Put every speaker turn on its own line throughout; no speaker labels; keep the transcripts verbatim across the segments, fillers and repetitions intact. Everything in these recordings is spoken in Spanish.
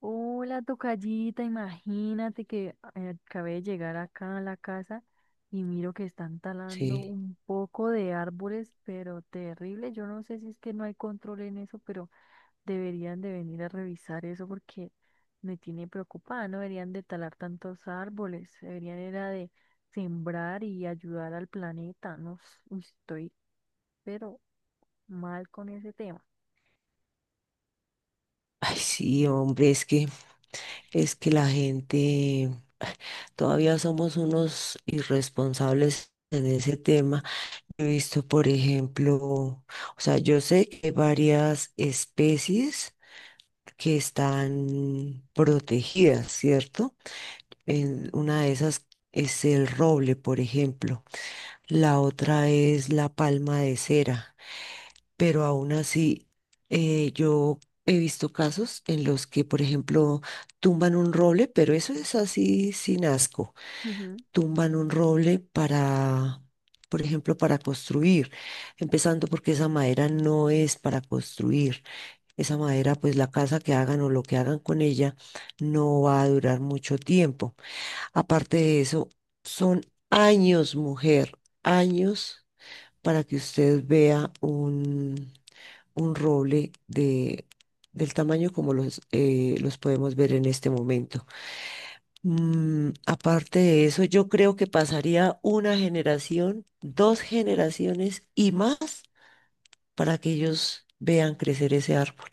Hola, tocallita, imagínate que eh, acabé de llegar acá a la casa y miro que están talando
Sí.
un poco de árboles, pero terrible. Yo no sé si es que no hay control en eso, pero deberían de venir a revisar eso porque me tiene preocupada. No deberían de talar tantos árboles, deberían era de sembrar y ayudar al planeta. No, s- uy, estoy pero mal con ese tema.
Ay, sí, hombre, es que, es que la gente, todavía somos unos irresponsables en ese tema. He visto, por ejemplo, o sea, yo sé que hay varias especies que están protegidas, ¿cierto? En una de esas es el roble, por ejemplo. La otra es la palma de cera. Pero aún así eh, yo he visto casos en los que, por ejemplo, tumban un roble, pero eso es así sin asco,
Ujú.
tumban un roble para, por ejemplo, para construir, empezando porque esa madera no es para construir, esa madera, pues la casa que hagan o lo que hagan con ella no va a durar mucho tiempo. Aparte de eso, son años, mujer, años para que usted vea un, un roble de, del tamaño como los, eh, los podemos ver en este momento. Mm, aparte de eso, yo creo que pasaría una generación, dos generaciones y más para que ellos vean crecer ese árbol.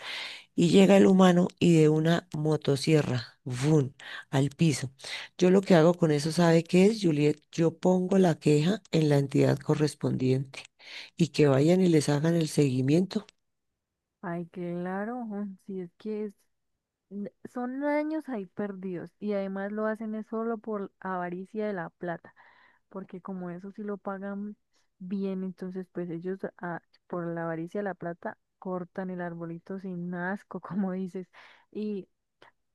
Y llega el humano y de una motosierra, ¡vum!, al piso. Yo lo que hago con eso, ¿sabe qué es, Juliet? Yo pongo la queja en la entidad correspondiente y que vayan y les hagan el seguimiento.
Ay, claro, ujú, si es que es n- son años ahí perdidos y además lo hacen es solo por avaricia de la plata, porque como eso sí lo pagan bien, entonces pues ellos ah, por la avaricia de la plata cortan el arbolito sin asco, como dices. Y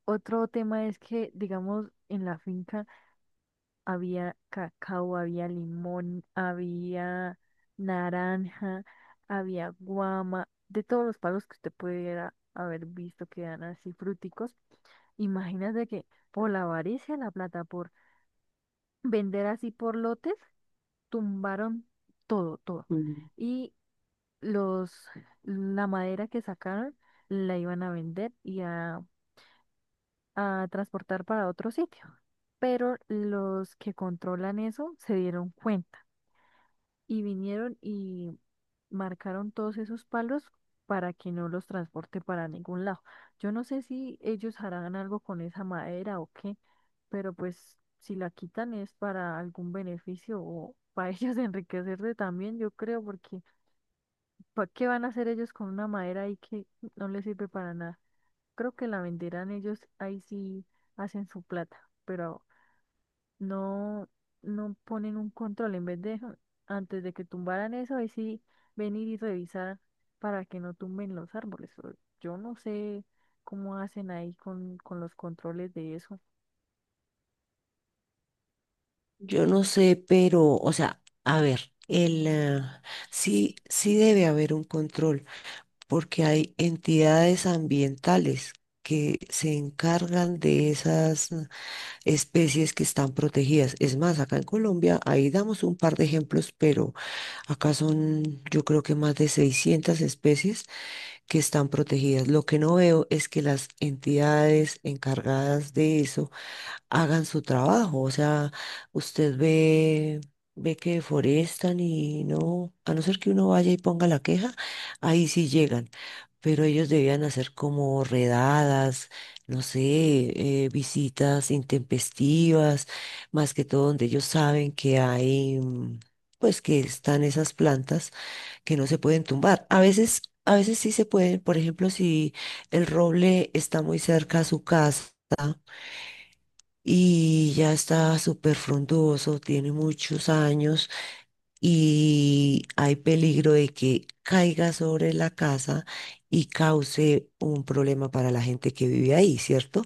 otro tema es que, digamos, en la finca había cacao, había limón, había naranja, había guama, de todos los palos que usted pudiera haber visto que eran así fruticos. Imagínate que por la avaricia, de la plata, por vender así por lotes, tumbaron todo, todo.
Mm,
Y los, la madera que sacaron la iban a vender y a, a transportar para otro sitio. Pero los que controlan eso se dieron cuenta y vinieron y marcaron todos esos palos para que no los transporte para ningún lado. Yo no sé si ellos harán algo con esa madera o qué, pero pues si la quitan es para algún beneficio o para ellos enriquecerse también, yo creo, porque ¿para qué van a hacer ellos con una madera ahí que no les sirve para nada? Creo que la venderán ellos, ahí sí hacen su plata, pero no, no ponen un control en vez de antes de que tumbaran eso, ahí sí venir y revisar para que no tumben los árboles. Pero yo no sé cómo hacen ahí con, con los controles de eso.
Yo no sé, pero, o sea, a ver, el, ah, sí, sí debe haber un control, porque hay entidades ambientales que se encargan de esas ah, especies que están protegidas. Es más, acá en Colombia, ahí damos un par de ejemplos, pero acá son, yo creo que más de seiscientas especies que están protegidas. Lo que no veo es que las entidades encargadas de eso hagan su trabajo. O sea, usted ve, ve que deforestan y no, a no ser que uno vaya y ponga la queja, ahí sí llegan. Pero ellos debían hacer como redadas, no sé, eh, visitas intempestivas, más que todo donde ellos saben que hay, mm, pues que están esas plantas que no se pueden tumbar. A veces, a veces sí se pueden, por ejemplo, si el roble está muy cerca a su casa y ya está súper frondoso, tiene muchos años y hay peligro de que caiga sobre la casa y cause un problema para la gente que vive ahí, ¿cierto?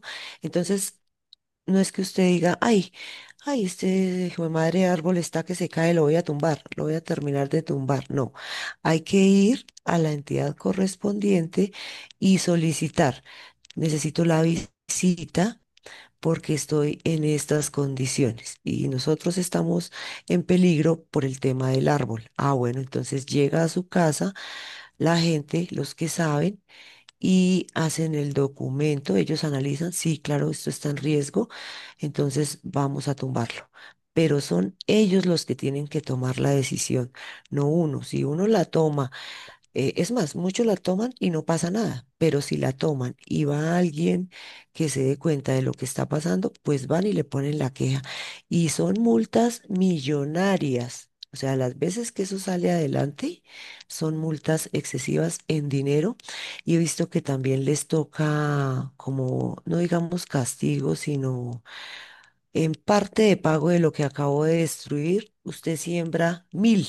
Sí.
Entonces, no es que usted diga, ay, ay, este hijo de madre árbol está que se cae, lo voy a tumbar, lo voy a terminar de tumbar. No, hay que ir a la entidad correspondiente y solicitar. Necesito la visita porque estoy en estas condiciones y nosotros estamos en peligro por el tema del árbol. Ah, bueno, entonces llega a su casa la gente, los que saben, y hacen el documento, ellos analizan, sí, claro, esto está en riesgo, entonces vamos a tumbarlo. Pero son ellos los que tienen que tomar la decisión, no uno. Si uno la toma eh, es más, muchos la toman y no pasa nada, pero si la toman y va alguien que se dé cuenta de lo que está pasando, pues van y le ponen la queja. Y son multas millonarias. O sea, las veces que eso sale adelante son multas excesivas en dinero. Y he visto que también les toca como, no digamos castigo, sino en parte de pago de lo que acabo de destruir, usted siembra mil.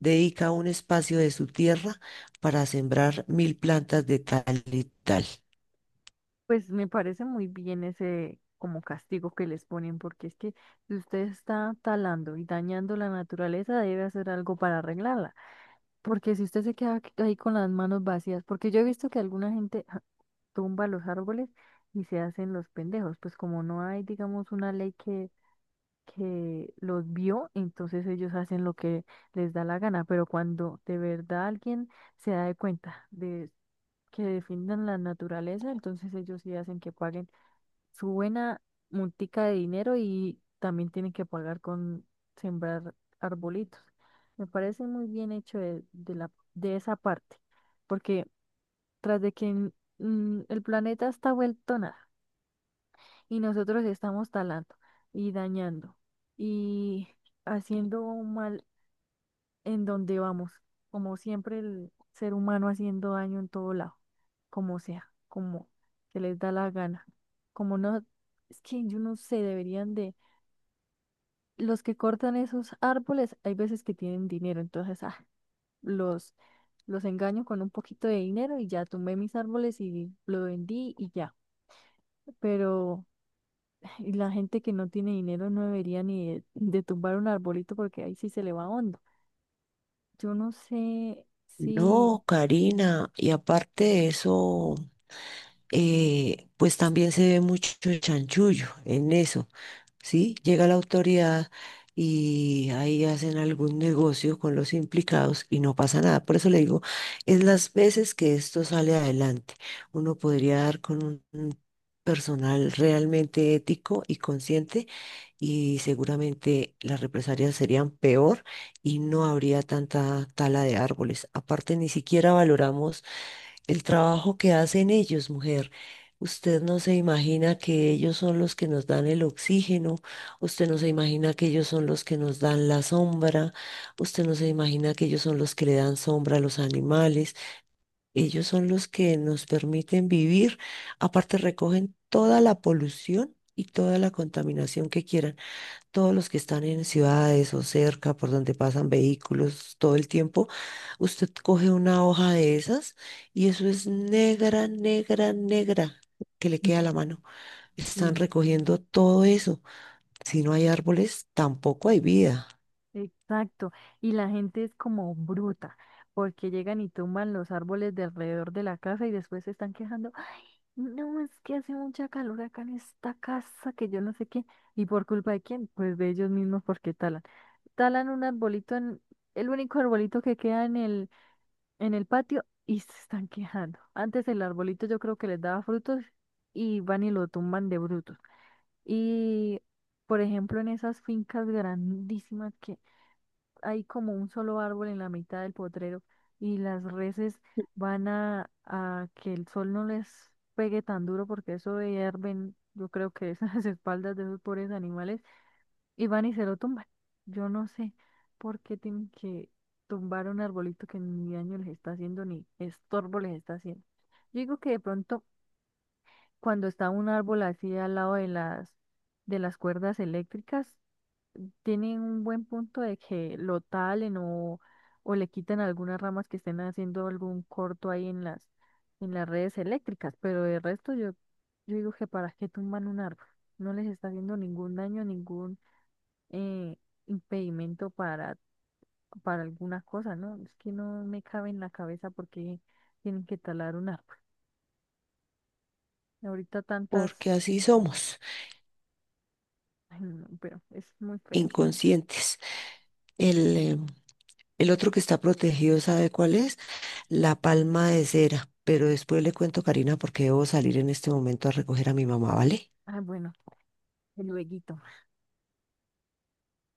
Dedica un espacio de su tierra para sembrar mil plantas de tal y tal.
Pues me parece muy bien ese como castigo que les ponen, porque es que si usted está talando y dañando la naturaleza, debe hacer algo para arreglarla. Porque si usted se queda ahí con las manos vacías, porque yo he visto que alguna gente ja, tumba los árboles y se hacen los pendejos, pues como no hay, digamos, una ley que, que los vio, entonces ellos hacen lo que les da la gana, pero cuando de verdad alguien se da de cuenta de que defiendan la naturaleza, entonces ellos sí hacen que paguen su buena multica de dinero y también tienen que pagar con sembrar arbolitos. Me parece muy bien hecho de, de la, de esa parte, porque tras de que mm, el planeta está vuelto nada y nosotros estamos talando y dañando y haciendo un mal en donde vamos. Como siempre, el ser humano haciendo daño en todo lado, como sea, como se les da la gana. Como no, es que yo no sé, deberían de, los que cortan esos árboles, hay veces que tienen dinero, entonces, ah, los, los engaño con un poquito de dinero y ya tumbé mis árboles y lo vendí y ya. Pero y la gente que no tiene dinero no debería ni de, de tumbar un arbolito porque ahí sí se le va hondo. Yo no sé si,
No, Karina, y aparte de eso, eh, pues también se ve mucho chanchullo en eso. ¿Sí? Llega la autoridad y ahí hacen algún negocio con los implicados y no pasa nada. Por eso le digo, es las veces que esto sale adelante. Uno podría dar con un un personal realmente ético y consciente y seguramente las represalias serían peor y no habría tanta tala de árboles. Aparte, ni siquiera valoramos el trabajo que hacen ellos, mujer. Usted no se imagina que ellos son los que nos dan el oxígeno, usted no se imagina que ellos son los que nos dan la sombra, usted no se imagina que ellos son los que le dan sombra a los animales, ellos son los que nos permiten vivir, aparte recogen toda la polución y toda la contaminación que quieran todos los que están en ciudades o cerca por donde pasan vehículos todo el tiempo, usted coge una hoja de esas y eso es negra, negra, negra que le
ujú.
queda a la mano. Están
Sí,
recogiendo todo eso. Si no hay árboles, tampoco hay vida,
exacto, y la gente es como bruta, porque llegan y tumban los árboles de alrededor de la casa y después se están quejando: "Ah, no, es que hace mucha calor acá en esta casa, que yo no sé qué", y por culpa de quién, pues de ellos mismos porque talan. Talan un arbolito en, el único arbolito que queda en el, en el patio y se están quejando. Antes el arbolito yo creo que les daba frutos y van y lo tumban de brutos. Y por ejemplo, en esas fincas grandísimas que hay como un solo árbol en la mitad del potrero y las reses van a, a que el sol no les pegue tan duro porque eso hierven, yo creo que es las espaldas de esos pobres animales y van y se lo tumban. Yo no sé por qué tienen que tumbar un arbolito que ni daño les está haciendo ni estorbo les está haciendo. Yo digo que de pronto cuando está un árbol así al lado de las de las cuerdas eléctricas tienen un buen punto de que lo talen o, o le quitan algunas ramas que estén haciendo algún corto ahí en las, en las redes eléctricas, pero de resto yo, yo digo que para qué tumban un árbol, no les está haciendo ningún daño, ningún eh, impedimento para, para alguna cosa, ¿no? Es que no me cabe en la cabeza porque tienen que talar un árbol. Ahorita
porque
tantas,
así somos,
ay, no, no, pero es muy feo.
inconscientes. El, eh, el otro que está protegido, ¿sabe cuál es? La palma de cera. Pero después le cuento, Karina, porque debo salir en este momento a recoger a mi mamá, ¿vale?
Ah, bueno, el lueguito.